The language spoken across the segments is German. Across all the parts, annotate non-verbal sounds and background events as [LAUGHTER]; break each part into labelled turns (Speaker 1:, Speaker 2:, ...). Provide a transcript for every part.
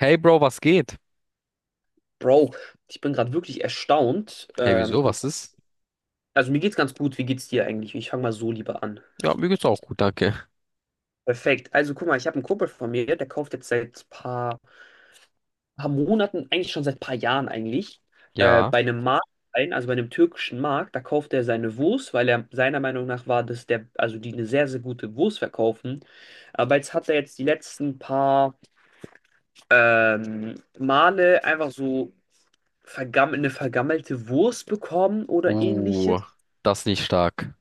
Speaker 1: Hey Bro, was geht?
Speaker 2: Bro, ich bin gerade wirklich erstaunt.
Speaker 1: Hey, wieso? Was ist?
Speaker 2: Also mir geht's ganz gut. Wie geht's dir eigentlich? Ich fange mal so lieber an.
Speaker 1: Ja, mir geht's auch gut, danke.
Speaker 2: Perfekt. Also guck mal, ich habe einen Kumpel von mir, der kauft jetzt seit paar Monaten, eigentlich schon seit paar Jahren eigentlich,
Speaker 1: Ja.
Speaker 2: bei einem türkischen Markt, da kauft er seine Wurst, weil er seiner Meinung nach war, dass der, also die eine sehr, sehr gute Wurst verkaufen. Aber jetzt hat er jetzt die letzten paar Male einfach so vergam eine vergammelte Wurst bekommen oder
Speaker 1: Uh,
Speaker 2: ähnliches.
Speaker 1: das ist nicht stark.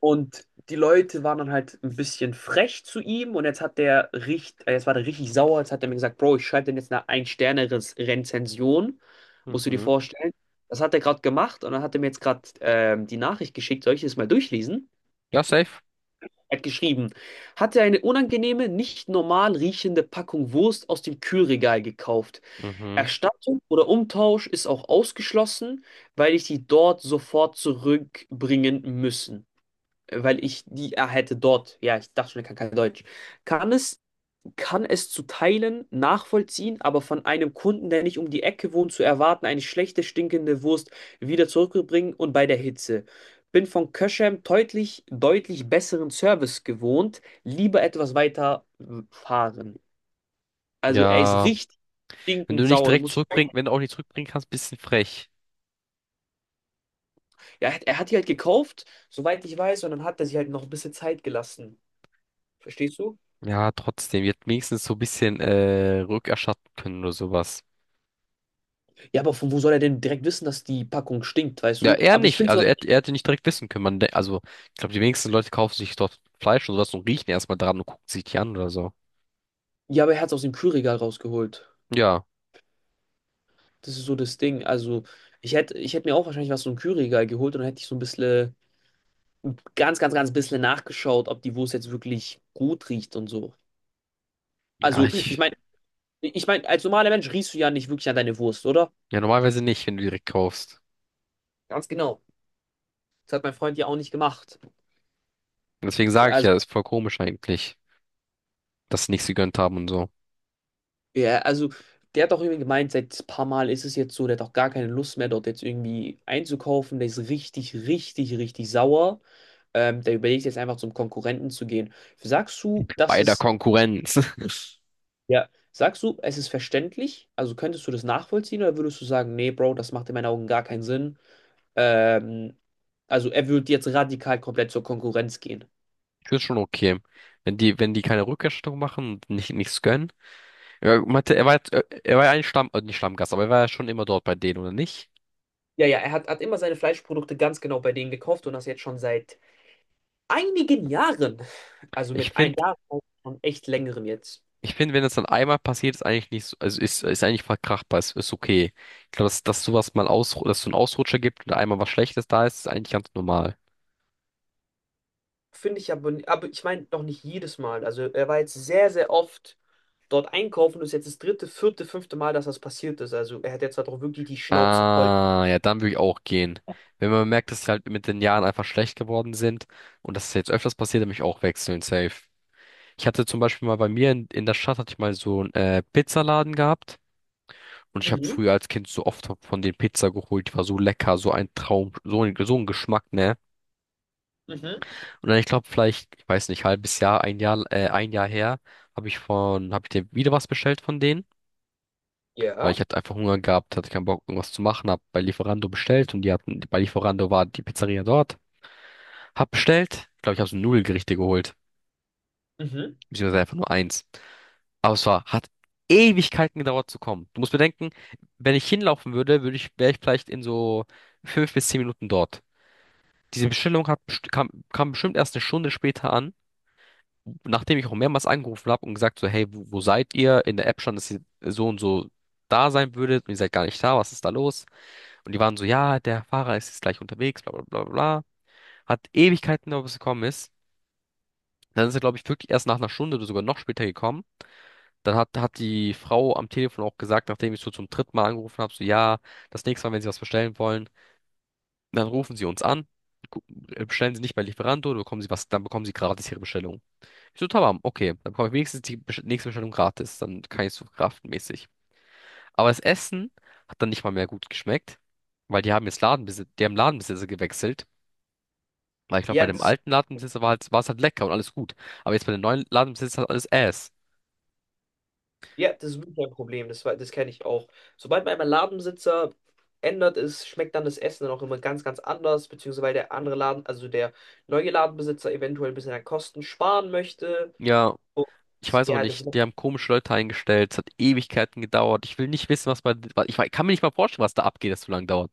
Speaker 2: Und die Leute waren dann halt ein bisschen frech zu ihm und jetzt war der richtig sauer. Jetzt hat er mir gesagt, Bro, ich schreibe dir jetzt eine Ein-Sterne-Rezension. Musst du dir
Speaker 1: Mhm.
Speaker 2: vorstellen. Das hat er gerade gemacht und dann hat er mir jetzt gerade die Nachricht geschickt. Soll ich das mal durchlesen?
Speaker 1: Ja, safe.
Speaker 2: Er hat geschrieben, hatte eine unangenehme, nicht normal riechende Packung Wurst aus dem Kühlregal gekauft.
Speaker 1: Mhm.
Speaker 2: Erstattung oder Umtausch ist auch ausgeschlossen, weil ich die dort sofort zurückbringen müssen weil ich die er hätte dort. Ja, ich dachte schon, er kann kein Deutsch. Kann es, kann es zu Teilen nachvollziehen, aber von einem Kunden, der nicht um die Ecke wohnt, zu erwarten, eine schlechte, stinkende Wurst wieder zurückzubringen und bei der Hitze. Bin von Köschem deutlich, deutlich besseren Service gewohnt, lieber etwas weiter fahren. Also er ist
Speaker 1: Ja.
Speaker 2: richtig
Speaker 1: Wenn du
Speaker 2: stinkend
Speaker 1: nicht
Speaker 2: sauer. Du
Speaker 1: direkt
Speaker 2: musst,
Speaker 1: zurückbringen, wenn du auch nicht zurückbringen kannst, bisschen frech.
Speaker 2: ja, er hat die halt gekauft, soweit ich weiß, und dann hat er sich halt noch ein bisschen Zeit gelassen. Verstehst du?
Speaker 1: Ja, trotzdem. Ihr hättet wenigstens so ein bisschen rückerstatten können oder sowas.
Speaker 2: Ja, aber von wo soll er denn direkt wissen, dass die Packung stinkt, weißt
Speaker 1: Ja,
Speaker 2: du?
Speaker 1: er
Speaker 2: Aber ich
Speaker 1: nicht.
Speaker 2: finde
Speaker 1: Also
Speaker 2: sowas,
Speaker 1: er, er hätte nicht direkt wissen können. Man, also, ich glaube, die wenigsten Leute kaufen sich dort Fleisch und sowas und riechen erstmal dran und gucken sich die an oder so.
Speaker 2: ja, aber er hat es aus dem Kühlregal rausgeholt.
Speaker 1: Ja.
Speaker 2: Das ist so das Ding. Also, ich hätt mir auch wahrscheinlich was so ein Kühlregal geholt und dann hätte ich so ein bisschen, ganz, ganz, ganz bisschen nachgeschaut, ob die Wurst jetzt wirklich gut riecht und so.
Speaker 1: Ja,
Speaker 2: Also, ich
Speaker 1: ich.
Speaker 2: meine, ich meine, als normaler Mensch riechst du ja nicht wirklich an deine Wurst, oder?
Speaker 1: Ja, normalerweise nicht, wenn du direkt kaufst.
Speaker 2: Ganz genau. Das hat mein Freund ja auch nicht gemacht.
Speaker 1: Deswegen sage ich
Speaker 2: Also,
Speaker 1: ja, ist voll komisch eigentlich, dass sie nichts gegönnt haben und so.
Speaker 2: Ja, also der hat auch irgendwie gemeint, seit ein paar Mal ist es jetzt so, der hat auch gar keine Lust mehr, dort jetzt irgendwie einzukaufen. Der ist richtig, richtig, richtig sauer. Der überlegt jetzt einfach zum Konkurrenten zu gehen. Sagst du, das
Speaker 1: Bei der
Speaker 2: ist,
Speaker 1: Konkurrenz. [LAUGHS]
Speaker 2: Ja, sagst du, es ist verständlich? Also könntest du das nachvollziehen oder würdest du sagen, nee, Bro, das macht in meinen Augen gar keinen Sinn? Ähm, also er würde jetzt radikal komplett zur Konkurrenz gehen.
Speaker 1: Ich finde schon okay. Wenn die keine Rückerstattung machen und nicht, nichts gönnen. Er meinte, er war, er war ja eigentlich Stamm, nicht Stammgast, aber er war ja schon immer dort bei denen, oder nicht?
Speaker 2: Ja, ja, er hat immer seine Fleischprodukte ganz genau bei denen gekauft und das jetzt schon seit einigen Jahren, also
Speaker 1: Ich
Speaker 2: mit ein
Speaker 1: finde,
Speaker 2: Jahr schon echt längerem jetzt,
Speaker 1: ich finde, wenn das dann einmal passiert, ist eigentlich nicht so, also ist eigentlich verkraftbar, ist okay. Ich glaube, dass sowas mal aus, dass so ein Ausrutscher gibt und einmal was Schlechtes da ist, ist eigentlich ganz normal.
Speaker 2: finde ich aber ich meine noch nicht jedes Mal. Also er war jetzt sehr, sehr oft dort einkaufen und ist jetzt das dritte, vierte, fünfte Mal, dass das passiert ist. Also er hat jetzt halt auch wirklich die Schnauze voll.
Speaker 1: Ah, ja, dann würde ich auch gehen. Wenn man merkt, dass sie halt mit den Jahren einfach schlecht geworden sind und dass es jetzt öfters passiert, dann würde ich auch wechseln, safe. Ich hatte zum Beispiel mal bei mir in der Stadt hatte ich mal so einen Pizzaladen gehabt und ich habe
Speaker 2: Mhm,
Speaker 1: früher als Kind so oft von den Pizza geholt, die war so lecker, so ein Traum, so ein Geschmack, ne?
Speaker 2: mhm,
Speaker 1: Und dann ich glaube vielleicht, ich weiß nicht, halbes Jahr, ein Jahr, ein Jahr her, habe ich habe ich dir wieder was bestellt von denen. Weil
Speaker 2: ja,
Speaker 1: ich hatte einfach Hunger gehabt, hatte keinen Bock, irgendwas zu machen, hab bei Lieferando bestellt und die hatten, bei Lieferando war die Pizzeria dort. Hab bestellt, glaube ich, hab so Nudelgerichte geholt.
Speaker 2: mhm.
Speaker 1: Beziehungsweise einfach nur eins. Aber es war, hat Ewigkeiten gedauert zu kommen. Du musst bedenken, wenn ich hinlaufen würde, würde ich, wäre ich vielleicht in so fünf bis zehn Minuten dort. Diese Bestellung hat, kam, kam bestimmt erst eine Stunde später an. Nachdem ich auch mehrmals angerufen habe und gesagt so, hey, wo, wo seid ihr? In der App stand, dass ihr so und so da sein würdet und ihr seid gar nicht da, was ist da los? Und die waren so, ja, der Fahrer ist jetzt gleich unterwegs, bla bla bla bla. Bla. Hat Ewigkeiten gedauert, bis er gekommen ist. Dann ist er, glaube ich, wirklich erst nach einer Stunde oder sogar noch später gekommen. Dann hat, hat die Frau am Telefon auch gesagt, nachdem ich so zum dritten Mal angerufen habe, so ja, das nächste Mal, wenn Sie was bestellen wollen, dann rufen Sie uns an, gu- bestellen Sie nicht bei Lieferando, dann bekommen Sie was, dann bekommen Sie gratis Ihre Bestellung. Ich so, tamam, okay. Dann bekomme ich wenigstens die nächste Bestellung gratis. Dann kann ich so kraftmäßig. Aber das Essen hat dann nicht mal mehr gut geschmeckt, weil die haben jetzt Ladenbesitzer, die haben Ladenbesitzer gewechselt. Weil ich glaube, bei
Speaker 2: Ja,
Speaker 1: dem
Speaker 2: das ist,
Speaker 1: alten Ladenbesitzer war halt, war es halt lecker und alles gut. Aber jetzt bei dem neuen Ladenbesitzer hat alles Ass.
Speaker 2: ja, das ist wirklich ein Problem. Das kenne ich auch. Sobald man einmal Ladensitzer ändert ist, schmeckt dann das Essen dann auch immer ganz, ganz anders, beziehungsweise weil der andere Laden, also der neue Ladenbesitzer eventuell ein bisschen an Kosten sparen möchte.
Speaker 1: Ja,
Speaker 2: Und
Speaker 1: ich weiß auch
Speaker 2: ja,
Speaker 1: nicht. Die haben komische Leute eingestellt. Es hat Ewigkeiten gedauert. Ich will nicht wissen, was bei, kann mir nicht mal vorstellen, was da abgeht, das so lange dauert.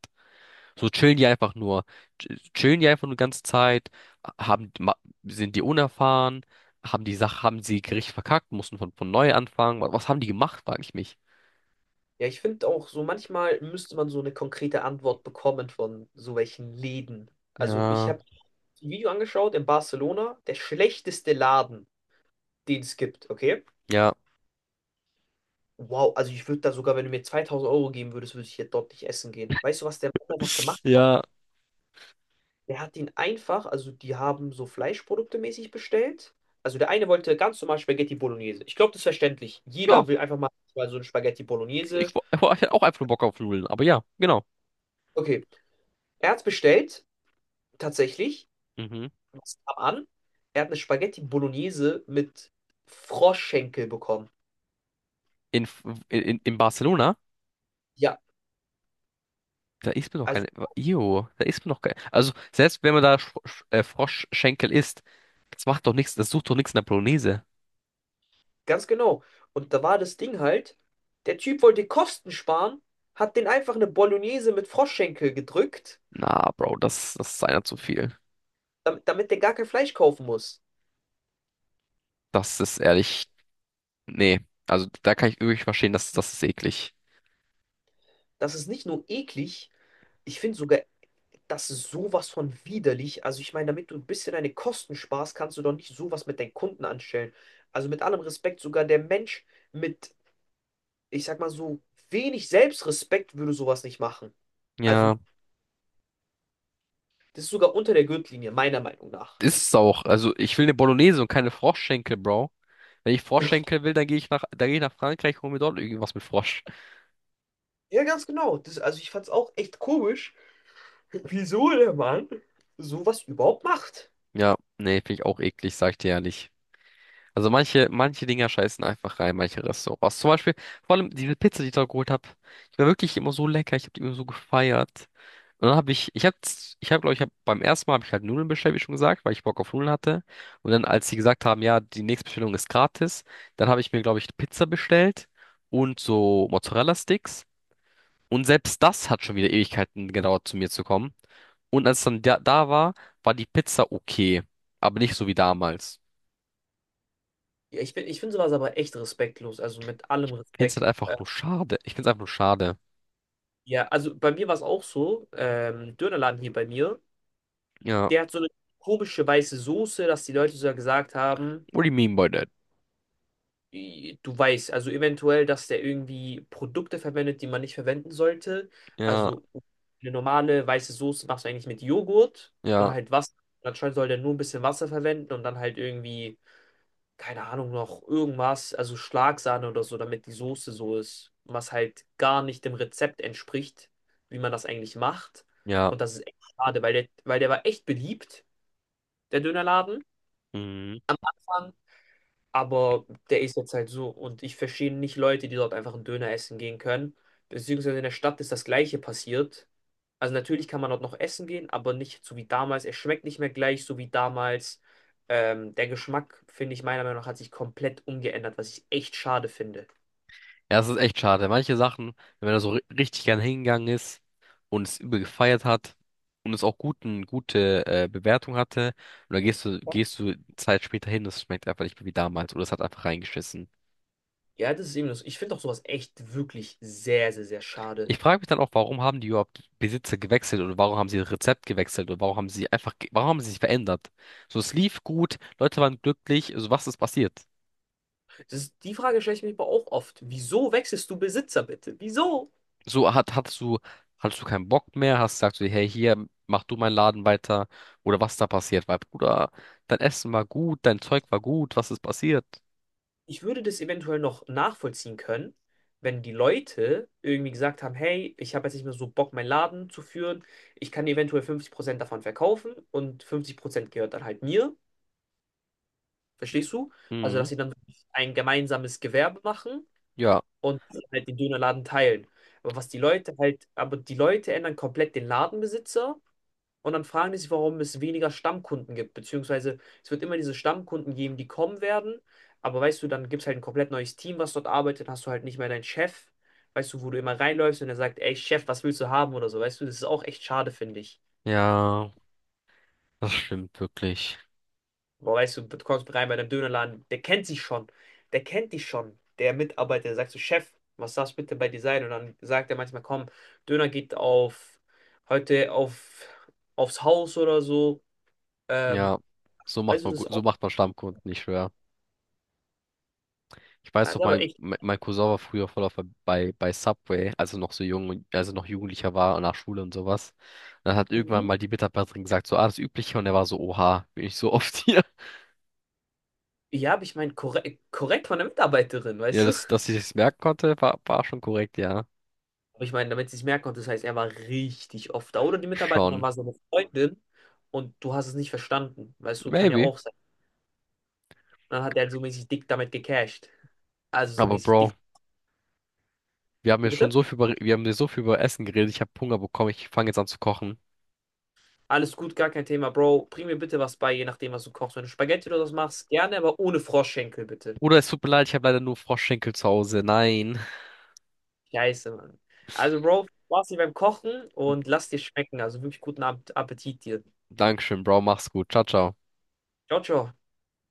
Speaker 1: So chillen die einfach nur. Chillen die einfach nur die ganze Zeit, haben, ma- sind die unerfahren, haben die Sache, haben sie Gericht verkackt, mussten von neu anfangen. Was, was haben die gemacht, frage ich mich.
Speaker 2: ja, ich finde auch so, manchmal müsste man so eine konkrete Antwort bekommen von so welchen Läden. Also ich
Speaker 1: Ja,
Speaker 2: habe ein Video angeschaut in Barcelona, der schlechteste Laden, den es gibt, okay?
Speaker 1: ja,
Speaker 2: Wow, also ich würde da sogar, wenn du mir 2000 Euro geben würdest, würde ich hier dort nicht essen gehen. Weißt du, was der Mann einfach gemacht hat?
Speaker 1: ja,
Speaker 2: Der hat ihn einfach, also die haben so Fleischprodukte mäßig bestellt. Also der eine wollte ganz normal Spaghetti Bolognese. Ich glaube, das ist verständlich. Jeder
Speaker 1: ja.
Speaker 2: will einfach mal so ein Spaghetti
Speaker 1: Ich,
Speaker 2: Bolognese.
Speaker 1: ich hatte auch einfach nur Bock auf Nudeln, aber ja, genau.
Speaker 2: Okay, er hat's bestellt. Tatsächlich,
Speaker 1: Mhm.
Speaker 2: was kam an? Er hat eine Spaghetti Bolognese mit Froschschenkel bekommen.
Speaker 1: In, F- in Barcelona,
Speaker 2: Ja,
Speaker 1: da isst man doch
Speaker 2: also
Speaker 1: keine. Jo, da isst man doch keine. Also, selbst wenn man da Froschschenkel isst, das macht doch nichts, das sucht doch nichts in der Bolognese.
Speaker 2: ganz genau. Und da war das Ding halt, der Typ wollte Kosten sparen, hat den einfach eine Bolognese mit Froschschenkel gedrückt,
Speaker 1: Na, Bro, das ist einer zu viel.
Speaker 2: damit der gar kein Fleisch kaufen muss.
Speaker 1: Das ist ehrlich. Nee, also da kann ich wirklich verstehen, dass das ist eklig.
Speaker 2: Das ist nicht nur eklig, ich finde sogar, das ist sowas von widerlich. Also ich meine, damit du ein bisschen deine Kosten sparst, kannst du doch nicht sowas mit deinen Kunden anstellen. Also mit allem Respekt, sogar der Mensch mit, ich sag mal so, wenig Selbstrespekt würde sowas nicht machen. Also,
Speaker 1: Ja,
Speaker 2: das ist sogar unter der Gürtellinie, meiner Meinung nach.
Speaker 1: ist es auch. Also ich will eine Bolognese und keine Froschschenkel, Bro. Wenn ich
Speaker 2: [LAUGHS]
Speaker 1: Froschschenkel will, dann gehe ich nach, dann gehe ich nach Frankreich und hol mir dort irgendwas mit Frosch.
Speaker 2: Ja, ganz genau. Das, also, ich fand's auch echt komisch, [LAUGHS] wieso der Mann sowas überhaupt macht.
Speaker 1: Ja, nee, finde ich auch eklig, sag ich dir ehrlich. Also manche, manche Dinger scheißen einfach rein, manche Restaurants. Zum Beispiel, vor allem diese Pizza, die ich da geholt habe, die war wirklich immer so lecker, ich habe die immer so gefeiert. Und dann habe ich, ich habe, glaube ich, hab, beim ersten Mal habe ich halt Nudeln bestellt, wie schon gesagt, weil ich Bock auf Nudeln hatte. Und dann, als sie gesagt haben, ja, die nächste Bestellung ist gratis, dann habe ich mir, glaube ich, Pizza bestellt und so Mozzarella-Sticks. Und selbst das hat schon wieder Ewigkeiten gedauert, zu mir zu kommen. Und als es dann da war, war die Pizza okay, aber nicht so wie damals.
Speaker 2: Ja, ich finde sowas aber echt respektlos, also mit allem
Speaker 1: Find's halt
Speaker 2: Respekt.
Speaker 1: einfach nur schade. Ich find's einfach nur schade.
Speaker 2: Ja, also bei mir war es auch so, Dönerladen hier bei mir,
Speaker 1: Ja.
Speaker 2: der hat so eine komische weiße Soße, dass die Leute sogar gesagt haben,
Speaker 1: What do you mean by that?
Speaker 2: du weißt, also eventuell, dass der irgendwie Produkte verwendet, die man nicht verwenden sollte.
Speaker 1: Ja,
Speaker 2: Also eine normale weiße Soße machst du eigentlich mit Joghurt und
Speaker 1: ja,
Speaker 2: halt Wasser. Anscheinend soll der nur ein bisschen Wasser verwenden und dann halt irgendwie, keine Ahnung, noch irgendwas, also Schlagsahne oder so, damit die Soße so ist. Was halt gar nicht dem Rezept entspricht, wie man das eigentlich macht.
Speaker 1: ja.
Speaker 2: Und das ist echt schade, weil der war echt beliebt, der Dönerladen.
Speaker 1: Mhm.
Speaker 2: Aber der ist jetzt halt so und ich verstehe nicht Leute, die dort einfach einen Döner essen gehen können. Beziehungsweise in der Stadt ist das Gleiche passiert. Also natürlich kann man dort noch essen gehen, aber nicht so wie damals. Er schmeckt nicht mehr gleich, so wie damals. Der Geschmack, finde ich, meiner Meinung nach, hat sich komplett umgeändert, was ich echt schade finde.
Speaker 1: Ja, es ist echt schade. Manche Sachen, wenn man da so richtig gern hingegangen ist und es übel gefeiert hat und es auch gute Bewertung hatte, und dann gehst du Zeit später hin, das schmeckt einfach nicht mehr wie damals oder es hat einfach reingeschissen.
Speaker 2: Ja, das ist eben das. Ich finde auch sowas echt wirklich sehr, sehr, sehr schade.
Speaker 1: Ich frage mich dann auch, warum haben die überhaupt Besitzer gewechselt oder warum haben sie das Rezept gewechselt oder warum haben sie einfach, warum haben sie sich verändert? So, es lief gut, Leute waren glücklich, also was ist passiert?
Speaker 2: Das ist, die Frage stelle ich mir aber auch oft. Wieso wechselst du Besitzer bitte? Wieso?
Speaker 1: So hattest du keinen Bock mehr, hast gesagt so, hey, hier, mach du meinen Laden weiter oder was da passiert, weil Bruder, dein Essen war gut, dein Zeug war gut, was ist passiert?
Speaker 2: Ich würde das eventuell noch nachvollziehen können, wenn die Leute irgendwie gesagt haben, hey, ich habe jetzt nicht mehr so Bock, meinen Laden zu führen. Ich kann eventuell 50% davon verkaufen und 50% gehört dann halt mir. Verstehst du? Also, dass
Speaker 1: Mhm.
Speaker 2: sie dann ein gemeinsames Gewerbe machen
Speaker 1: Ja,
Speaker 2: und halt den Dönerladen teilen. Aber was die Leute halt, aber die Leute ändern komplett den Ladenbesitzer und dann fragen die sich, warum es weniger Stammkunden gibt, beziehungsweise es wird immer diese Stammkunden geben, die kommen werden, aber weißt du, dann gibt es halt ein komplett neues Team, was dort arbeitet, hast du halt nicht mehr deinen Chef, weißt du, wo du immer reinläufst und er sagt, ey Chef, was willst du haben oder so, weißt du, das ist auch echt schade, finde ich.
Speaker 1: ja, das stimmt wirklich.
Speaker 2: Aber weißt du, du kommst rein bei deinem Dönerladen, der kennt sich schon, der kennt dich schon, der Mitarbeiter, der sagt so, Chef, was darf bitte bei dir sein? Und dann sagt er manchmal, komm, Döner geht heute aufs Haus oder so, ähm,
Speaker 1: Ja, so macht
Speaker 2: weißt du,
Speaker 1: man
Speaker 2: das ist
Speaker 1: gut, so
Speaker 2: auch,
Speaker 1: macht man Stammkunden, ich schwör. Ich weiß
Speaker 2: das ist
Speaker 1: doch,
Speaker 2: aber
Speaker 1: mein,
Speaker 2: echt.
Speaker 1: mein mein Cousin war früher voll auf bei Subway, als er noch so jung, als er noch Jugendlicher war und nach Schule und sowas. Und dann hat irgendwann
Speaker 2: Mhm.
Speaker 1: mal die Mitarbeiterin gesagt, so, ah, das Übliche, und er war so, oha, bin ich so [LAUGHS] oft hier.
Speaker 2: Ja, aber ich meine, korrekt, korrekt von der Mitarbeiterin,
Speaker 1: Ja,
Speaker 2: weißt du?
Speaker 1: das, dass ich es merken konnte, war, war schon korrekt, ja.
Speaker 2: Aber ich meine, damit sie es merken konnte, das heißt, er war richtig oft da. Oder die Mitarbeiterin
Speaker 1: Schon.
Speaker 2: war seine Freundin und du hast es nicht verstanden. Weißt du, kann ja
Speaker 1: Maybe.
Speaker 2: auch sein. Dann hat er halt so mäßig dick damit gecasht. Also so
Speaker 1: Aber
Speaker 2: mäßig dick.
Speaker 1: Bro,
Speaker 2: Wie bitte?
Speaker 1: wir haben ja so viel über Essen geredet. Ich habe Hunger bekommen. Ich fange jetzt an zu kochen.
Speaker 2: Alles gut, gar kein Thema, Bro. Bring mir bitte was bei, je nachdem, was du kochst. Wenn du Spaghetti oder was machst, gerne, aber ohne Froschschenkel, bitte.
Speaker 1: Bruder, es tut mir leid, ich habe leider nur Froschschenkel zu Hause. Nein.
Speaker 2: Scheiße, Mann. Also, Bro, viel Spaß hier beim Kochen und lass dir schmecken. Also wirklich guten Appetit dir.
Speaker 1: Dankeschön, Bro. Mach's gut. Ciao, ciao.
Speaker 2: Ciao, ciao.